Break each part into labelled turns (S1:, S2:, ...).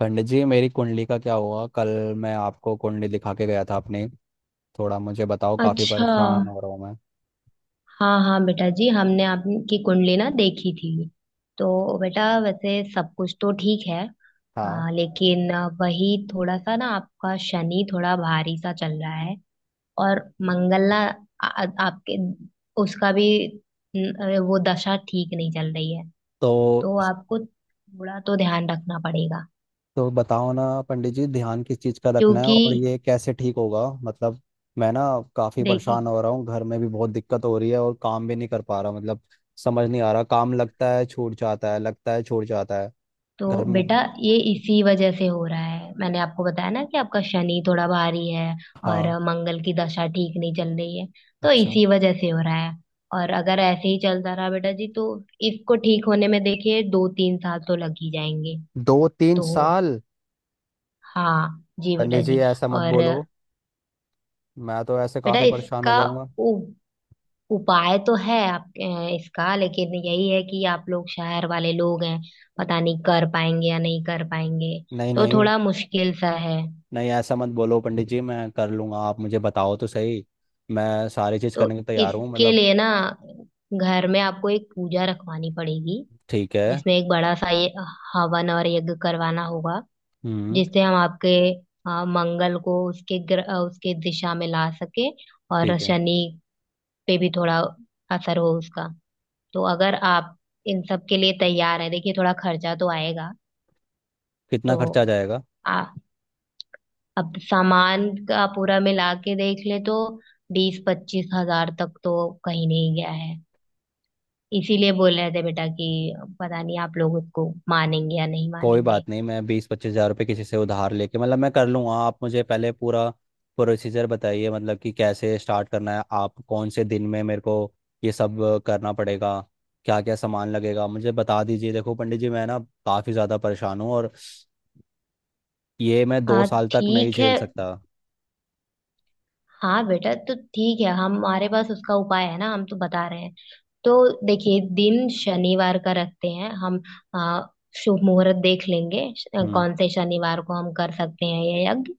S1: पंडित जी, मेरी कुंडली का क्या हुआ कल। मैं आपको कुंडली दिखा के गया था अपनी। थोड़ा मुझे बताओ, काफ़ी
S2: अच्छा।
S1: परेशान हो रहा हूँ मैं।
S2: हाँ हाँ बेटा जी हमने आपकी कुंडली ना देखी थी। तो बेटा वैसे सब कुछ तो ठीक है।
S1: हाँ।
S2: लेकिन वही थोड़ा सा ना आपका शनि थोड़ा भारी सा चल रहा है और मंगल ना आ, आ- आपके उसका भी न, आ, वो दशा ठीक नहीं चल रही है।
S1: तो
S2: तो आपको थोड़ा तो ध्यान रखना पड़ेगा।
S1: तो बताओ ना पंडित जी, ध्यान किस चीज़ का रखना है
S2: क्योंकि
S1: और ये कैसे ठीक होगा मतलब। मैं ना काफ़ी
S2: देखिए
S1: परेशान हो रहा हूँ, घर में भी बहुत दिक्कत हो रही है और काम भी नहीं कर पा रहा मतलब। समझ नहीं आ रहा, काम लगता है छूट जाता है, लगता है छूट जाता है
S2: तो
S1: घर में।
S2: बेटा, ये इसी वजह से हो रहा है, मैंने आपको बताया ना कि आपका शनि थोड़ा भारी है और
S1: हाँ।
S2: मंगल की दशा ठीक नहीं चल रही है। तो
S1: अच्छा।
S2: इसी वजह से हो रहा है। और अगर ऐसे ही चलता रहा बेटा जी, तो इसको ठीक होने में देखिए 2-3 साल तो लग ही जाएंगे।
S1: दो तीन
S2: तो
S1: साल?
S2: हाँ जी बेटा
S1: पंडित जी
S2: जी।
S1: ऐसा मत
S2: और
S1: बोलो, मैं तो ऐसे
S2: बेटा
S1: काफ़ी परेशान हो
S2: इसका
S1: जाऊंगा।
S2: उ, उपाय तो है आप इसका, लेकिन यही है कि आप लोग शहर वाले लोग हैं, पता नहीं कर पाएंगे या नहीं कर पाएंगे।
S1: नहीं
S2: तो
S1: नहीं,
S2: थोड़ा मुश्किल सा है।
S1: नहीं ऐसा मत बोलो पंडित जी, मैं कर लूंगा। आप मुझे बताओ तो सही, मैं सारी चीज़
S2: तो
S1: करने को तैयार हूँ
S2: इसके
S1: मतलब।
S2: लिए ना घर में आपको एक पूजा रखवानी पड़ेगी,
S1: ठीक है।
S2: जिसमें एक बड़ा सा ये हवन और यज्ञ करवाना होगा,
S1: हम्म।
S2: जिससे हम आपके मंगल को उसके उसके दिशा में ला सके और
S1: ठीक है।
S2: शनि पे भी थोड़ा असर हो उसका। तो अगर आप इन सब के लिए तैयार है, देखिए थोड़ा खर्चा तो आएगा।
S1: कितना
S2: तो
S1: खर्चा आ जाएगा?
S2: आ, अब सामान का पूरा मिला के देख ले तो 20-25 हज़ार तक तो कहीं नहीं गया है। इसीलिए बोल रहे थे बेटा कि पता नहीं आप लोग उसको मानेंगे या नहीं
S1: कोई
S2: मानेंगे।
S1: बात नहीं, मैं बीस पच्चीस हज़ार रुपये किसी से उधार लेके मतलब मैं कर लूँगा। आप मुझे पहले पूरा प्रोसीजर बताइए मतलब कि कैसे स्टार्ट करना है, आप कौन से दिन में मेरे को ये सब करना पड़ेगा, क्या क्या सामान लगेगा मुझे बता दीजिए। देखो पंडित जी, मैं ना काफ़ी ज़्यादा परेशान हूँ, और ये मैं दो
S2: हाँ
S1: साल तक नहीं
S2: ठीक है।
S1: झेल सकता।
S2: हाँ बेटा, तो ठीक है, हमारे पास उसका उपाय है ना, हम तो बता रहे हैं। तो देखिए, दिन शनिवार का रखते हैं हम। आ, शुभ मुहूर्त देख लेंगे
S1: हम्म।
S2: कौन से शनिवार को हम कर सकते हैं ये यज्ञ।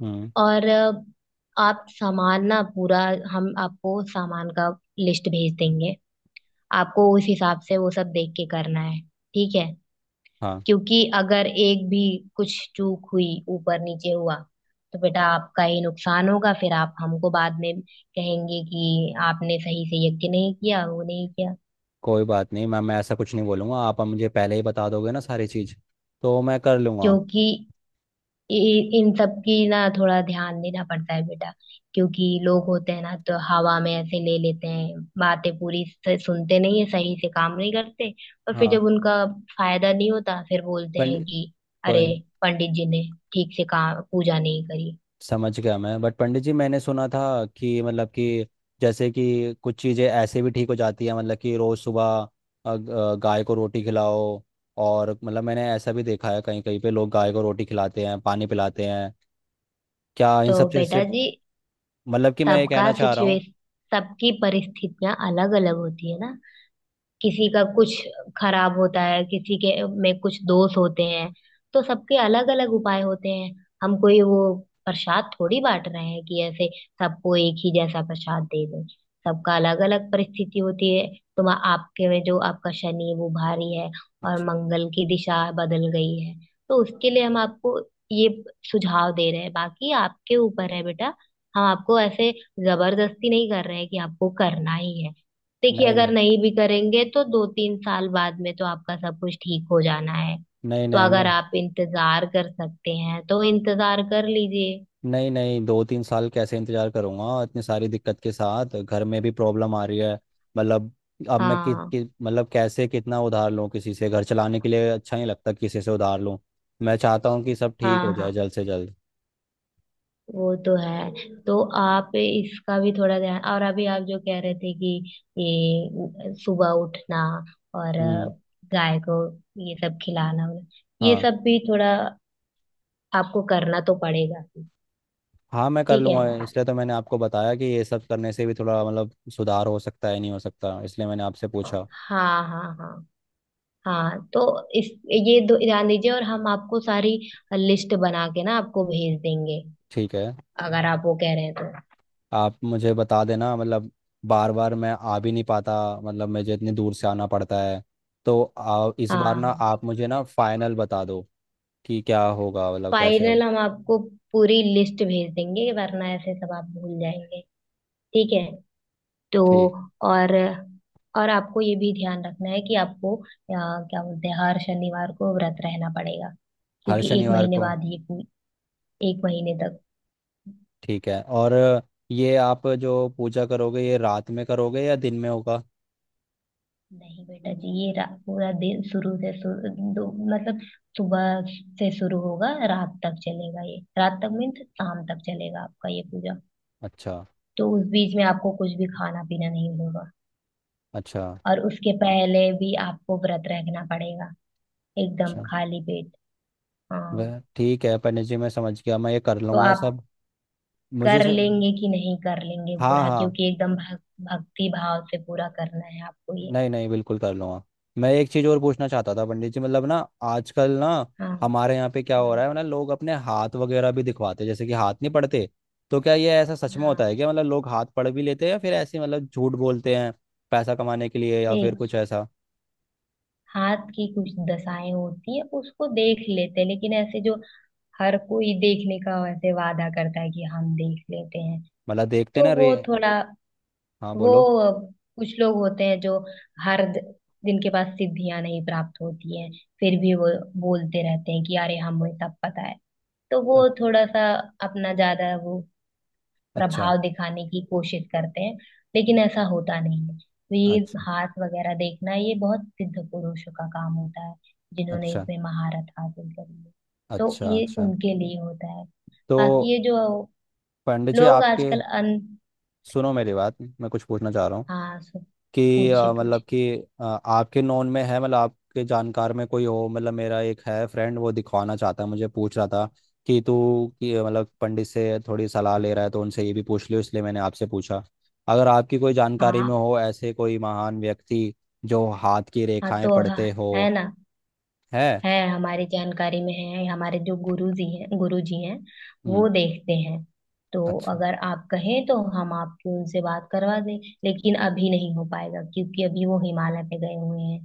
S1: हम्म।
S2: और आप सामान ना पूरा, हम आपको सामान का लिस्ट भेज देंगे। आपको उस हिसाब से वो सब देख के करना है, ठीक है?
S1: हाँ।
S2: क्योंकि अगर एक भी कुछ चूक हुई, ऊपर नीचे हुआ, तो बेटा आपका ही नुकसान होगा, फिर आप हमको बाद में कहेंगे कि आपने सही से ये नहीं किया वो नहीं किया।
S1: कोई बात नहीं मैम, मैं ऐसा कुछ नहीं बोलूँगा। आप मुझे पहले ही बता दोगे ना सारी चीज़, तो मैं कर लूँगा।
S2: क्योंकि इन सब की ना थोड़ा ध्यान देना पड़ता है बेटा। क्योंकि लोग होते हैं ना, तो हवा में ऐसे ले लेते हैं, बातें पूरी से सुनते नहीं है, सही से काम नहीं करते, और फिर
S1: हाँ।
S2: जब उनका फायदा नहीं होता, फिर बोलते हैं
S1: पंडित,
S2: कि
S1: कोई
S2: अरे
S1: नहीं।
S2: पंडित जी ने ठीक से काम, पूजा नहीं करी।
S1: समझ गया मैं, बट पंडित जी मैंने सुना था कि मतलब कि, जैसे कि कुछ चीज़ें ऐसे भी ठीक हो जाती है, मतलब कि रोज़ सुबह गाय को रोटी खिलाओ। और मतलब मैंने ऐसा भी देखा है, कहीं कहीं पे लोग गाय को रोटी खिलाते हैं, पानी पिलाते हैं। क्या इन
S2: तो
S1: सब चीज़ से
S2: बेटा जी,
S1: मतलब कि, मैं ये
S2: सबका
S1: कहना चाह रहा हूँ।
S2: सिचुएशन, सबकी परिस्थितियां अलग अलग होती है ना। किसी का कुछ खराब होता है, किसी के में कुछ दोष होते हैं। तो सबके अलग अलग उपाय होते हैं। हम कोई वो प्रसाद थोड़ी बांट रहे हैं कि ऐसे सबको एक ही जैसा प्रसाद दे दें। सबका अलग अलग परिस्थिति होती है। तुम आपके में जो आपका शनि है वो भारी है और
S1: अच्छा।
S2: मंगल की दिशा बदल गई है। तो उसके लिए हम आपको ये सुझाव दे रहे हैं, बाकी आपके ऊपर है बेटा। हम आपको ऐसे जबरदस्ती नहीं कर रहे हैं कि आपको करना ही है। देखिए,
S1: नहीं
S2: अगर
S1: नहीं।
S2: नहीं भी करेंगे तो 2-3 साल बाद में तो आपका सब कुछ ठीक हो जाना है।
S1: नहीं
S2: तो
S1: नहीं मैं।
S2: अगर आप इंतजार कर सकते हैं तो इंतजार कर लीजिए।
S1: नहीं नहीं, दो तीन साल कैसे इंतजार करूंगा, इतनी सारी दिक्कत के साथ घर में भी प्रॉब्लम आ रही है मतलब। अब मैं कि,
S2: हाँ
S1: कि मतलब कैसे, कितना उधार लूं किसी से, घर चलाने के लिए अच्छा नहीं लगता किसी से उधार लूं। मैं चाहता हूं कि सब ठीक हो
S2: हाँ
S1: जाए
S2: हाँ,
S1: जल्द से जल्द।
S2: वो तो है। तो आप इसका भी थोड़ा ध्यान, और अभी आप जो कह रहे थे कि ये सुबह उठना और
S1: हम्म।
S2: गाय को ये सब खिलाना, ये
S1: हाँ
S2: सब भी थोड़ा आपको करना तो पड़ेगा।
S1: हाँ, मैं कर
S2: ठीक है।
S1: लूंगा। इसलिए तो मैंने आपको बताया कि ये सब करने से भी थोड़ा मतलब सुधार हो सकता है, नहीं हो सकता, इसलिए मैंने आपसे पूछा।
S2: हाँ हाँ हाँ। हाँ तो इस, ये दो ध्यान दीजिए और हम आपको सारी लिस्ट बना के ना आपको भेज देंगे,
S1: ठीक है।
S2: अगर आप वो कह रहे हैं तो। हाँ
S1: आप मुझे बता देना मतलब, बार बार मैं आ भी नहीं पाता, मतलब मुझे इतनी दूर से आना पड़ता है। तो इस बार
S2: हाँ,
S1: ना,
S2: हाँ।
S1: आप मुझे ना फाइनल बता दो कि क्या होगा, मतलब कैसे हो।
S2: फाइनल हम आपको पूरी लिस्ट भेज देंगे, वरना ऐसे सब आप भूल जाएंगे। ठीक है। तो
S1: ठीक।
S2: और और आपको ये भी ध्यान रखना है कि आपको क्या बोलते हैं, हर शनिवार को व्रत रहना पड़ेगा।
S1: हर
S2: क्योंकि एक
S1: शनिवार
S2: महीने
S1: को?
S2: बाद ये 1 महीने तक,
S1: ठीक है। और ये आप जो पूजा करोगे, ये रात में करोगे या दिन में होगा?
S2: नहीं बेटा जी, ये पूरा दिन, शुरू से शुरू मतलब सुबह से शुरू होगा, रात तक चलेगा, ये रात तक, मीन्स शाम तक चलेगा आपका ये पूजा।
S1: अच्छा।
S2: तो उस बीच में आपको कुछ भी खाना पीना नहीं होगा।
S1: अच्छा।
S2: और उसके पहले भी आपको व्रत रखना पड़ेगा, एकदम
S1: अच्छा।
S2: खाली पेट। हाँ।
S1: वह ठीक है पंडित जी, मैं समझ गया, मैं ये कर
S2: तो
S1: लूँगा
S2: आप
S1: सब। मुझे
S2: कर
S1: सर।
S2: लेंगे कि नहीं कर लेंगे
S1: हाँ
S2: पूरा,
S1: हाँ,
S2: क्योंकि एकदम भक्ति भाव से पूरा करना है आपको ये।
S1: नहीं नहीं, बिल्कुल कर लूंगा। मैं एक चीज़ और पूछना चाहता था पंडित जी, मतलब ना, आजकल ना
S2: हाँ।
S1: हमारे यहाँ पे क्या हो
S2: हम्म।
S1: रहा है मतलब, लोग अपने हाथ वगैरह भी दिखवाते हैं, जैसे कि हाथ नहीं पढ़ते। तो क्या ये ऐसा सच में होता
S2: हाँ
S1: है क्या, मतलब लोग हाथ पढ़ भी लेते हैं या फिर ऐसे मतलब झूठ बोलते हैं पैसा कमाने के लिए, या फिर
S2: ठीक।
S1: कुछ ऐसा।
S2: हाथ की कुछ दशाएं होती है, उसको देख लेते हैं, लेकिन ऐसे जो हर कोई देखने का ऐसे वादा करता है कि हम देख लेते हैं,
S1: मतलब देखते
S2: तो
S1: ना रे।
S2: वो थोड़ा,
S1: हाँ बोलो।
S2: वो कुछ लोग होते हैं जो हर द- जिनके पास सिद्धियां नहीं प्राप्त होती हैं, फिर भी वो बोलते रहते हैं कि अरे हमें सब पता है। तो वो
S1: अ-
S2: थोड़ा सा अपना ज्यादा वो
S1: अच्छा।
S2: प्रभाव दिखाने की कोशिश करते हैं, लेकिन ऐसा होता नहीं है। तो ये
S1: अच्छा।
S2: हाथ वगैरह देखना, ये बहुत सिद्ध पुरुषों का काम होता है, जिन्होंने
S1: अच्छा।
S2: इसमें महारत हासिल करी है। तो
S1: अच्छा।
S2: ये
S1: अच्छा।
S2: उनके लिए होता है।
S1: तो
S2: बाकी ये जो
S1: पंडित जी
S2: लोग
S1: आपके,
S2: आजकल अन
S1: सुनो मेरी बात, मैं कुछ पूछना चाह रहा हूँ
S2: हाँ,
S1: कि
S2: पूछिए
S1: मतलब
S2: पूछिए।
S1: कि आपके नोन में है, मतलब आपके जानकार में कोई हो, मतलब मेरा एक है फ्रेंड, वो दिखवाना चाहता है, मुझे पूछ रहा था कि तू कि मतलब पंडित से थोड़ी सलाह ले रहा है तो उनसे ये भी पूछ लियो, इसलिए मैंने आपसे पूछा अगर आपकी कोई जानकारी में
S2: हाँ
S1: हो ऐसे कोई महान व्यक्ति जो हाथ की
S2: हाँ,
S1: रेखाएं
S2: तो हाँ,
S1: पढ़ते हो।
S2: है ना,
S1: है।
S2: है, हमारी जानकारी में है, हमारे जो गुरु जी हैं, गुरु जी हैं,
S1: हम्म।
S2: वो देखते हैं। तो
S1: अच्छा।
S2: अगर आप कहें तो हम आपकी उनसे बात करवा दें, लेकिन अभी नहीं हो पाएगा क्योंकि अभी वो हिमालय पे गए हुए हैं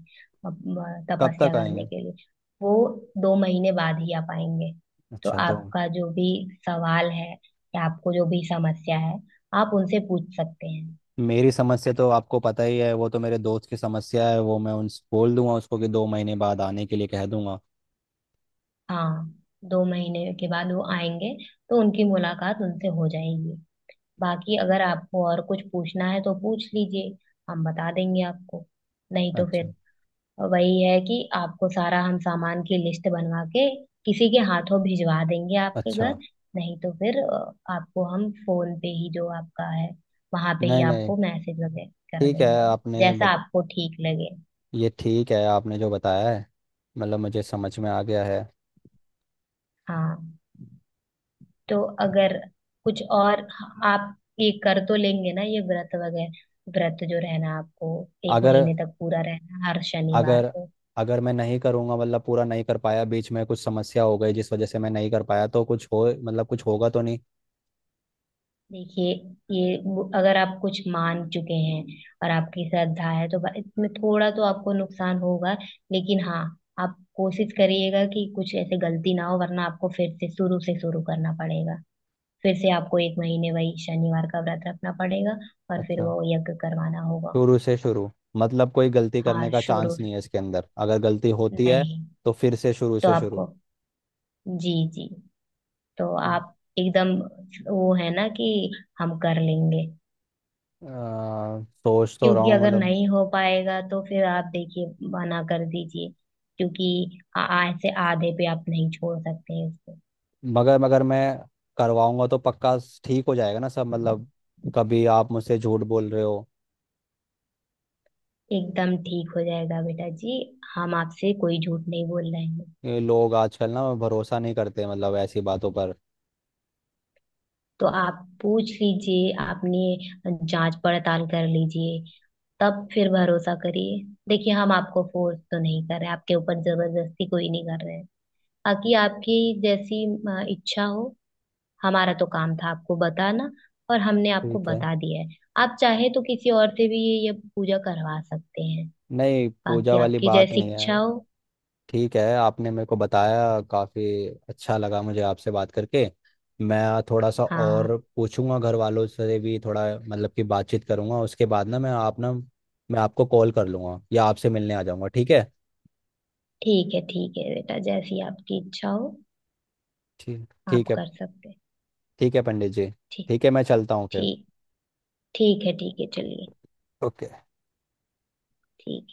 S1: कब
S2: तपस्या
S1: तक
S2: करने
S1: आएंगे?
S2: के लिए। वो 2 महीने बाद ही आ पाएंगे। तो
S1: अच्छा तो,
S2: आपका जो भी सवाल है, या आपको जो भी समस्या है, आप उनसे पूछ सकते हैं।
S1: मेरी समस्या तो आपको पता ही है, वो तो मेरे दोस्त की समस्या है। वो मैं उनसे बोल दूंगा उसको कि दो महीने बाद आने के लिए कह दूंगा।
S2: हाँ, 2 महीने के बाद वो आएंगे, तो उनकी मुलाकात उनसे हो जाएगी। बाकी अगर आपको और कुछ पूछना है तो पूछ लीजिए, हम बता देंगे आपको। नहीं तो
S1: अच्छा।
S2: फिर वही है कि आपको सारा, हम सामान की लिस्ट बनवा के किसी के हाथों भिजवा देंगे आपके
S1: अच्छा।
S2: घर। नहीं तो फिर आपको हम फोन पे ही, जो आपका है वहां पे ही,
S1: नहीं नहीं।
S2: आपको मैसेज वगैरह कर
S1: ठीक है
S2: देंगे,
S1: आपने
S2: जैसा
S1: बत...
S2: आपको ठीक लगे।
S1: ये ठीक है आपने जो बताया है, मतलब मुझे समझ में आ गया है।
S2: हाँ। तो अगर कुछ और, आप ये कर तो लेंगे ना ये व्रत वगैरह, व्रत जो रहना आपको, एक
S1: अगर,
S2: महीने तक पूरा रहना हर शनिवार
S1: अगर,
S2: को।
S1: अगर मैं नहीं करूँगा मतलब पूरा नहीं कर पाया, बीच में कुछ समस्या हो गई जिस वजह से मैं नहीं कर पाया, तो कुछ हो मतलब कुछ होगा तो नहीं?
S2: देखिए, अगर आप कुछ मान चुके हैं और आपकी श्रद्धा है तो इसमें थोड़ा तो आपको नुकसान होगा, लेकिन हाँ, आप कोशिश करिएगा कि कुछ ऐसे गलती ना हो, वरना आपको फिर से शुरू करना पड़ेगा। फिर से आपको 1 महीने वही शनिवार का व्रत रखना पड़ेगा, और फिर
S1: अच्छा।
S2: वो यज्ञ करवाना होगा।
S1: शुरू से शुरू। मतलब कोई गलती करने
S2: हाँ
S1: का
S2: शुरू
S1: चांस नहीं है इसके अंदर? अगर गलती होती है
S2: नहीं,
S1: तो फिर से शुरू
S2: तो
S1: से शुरू।
S2: आपको, जी जी, तो
S1: अ,
S2: आप एकदम, वो है ना कि हम कर लेंगे।
S1: सोच तो रहा
S2: क्योंकि
S1: हूँ
S2: अगर
S1: मतलब।
S2: नहीं हो पाएगा तो फिर आप देखिए मना कर दीजिए। क्योंकि ऐसे आधे पे आप नहीं छोड़ सकते हैं उसको।
S1: मगर मगर मैं करवाऊंगा तो पक्का ठीक हो जाएगा ना सब मतलब? कभी आप मुझसे झूठ बोल रहे हो।
S2: एकदम ठीक हो जाएगा बेटा जी, हम आपसे कोई झूठ नहीं बोल रहे हैं।
S1: ये लोग आजकल ना भरोसा नहीं करते मतलब, ऐसी बातों पर।
S2: तो आप पूछ लीजिए, आपने जांच पड़ताल कर लीजिए, तब फिर भरोसा करिए। देखिए, हम आपको फोर्स तो नहीं कर रहे, आपके ऊपर जबरदस्ती कोई नहीं कर रहे हैं। बाकी आपकी जैसी इच्छा हो, हमारा तो काम था आपको बताना, और हमने आपको
S1: ठीक है।
S2: बता दिया है। आप चाहे तो किसी और से भी ये पूजा करवा सकते हैं।
S1: नहीं, पूजा
S2: बाकी
S1: वाली
S2: आपकी
S1: बात
S2: जैसी
S1: नहीं है।
S2: इच्छा हो।
S1: ठीक है, आपने मेरे को बताया, काफ़ी अच्छा लगा मुझे आपसे बात करके। मैं थोड़ा सा
S2: हाँ,
S1: और पूछूंगा घर वालों से भी, थोड़ा मतलब कि बातचीत करूंगा, उसके बाद ना मैं आप ना, मैं आपको कॉल कर लूंगा या आपसे मिलने आ जाऊंगा, ठीक है।
S2: ठीक है बेटा, जैसी आपकी इच्छा हो,
S1: ठीक,
S2: आप
S1: ठीक है।
S2: कर सकते हैं।
S1: ठीक है पंडित जी।
S2: ठीक।
S1: ठीक है, मैं चलता हूँ फिर।
S2: ठीक। ठीक है ठीक है, चलिए।
S1: ओके।
S2: ठीक।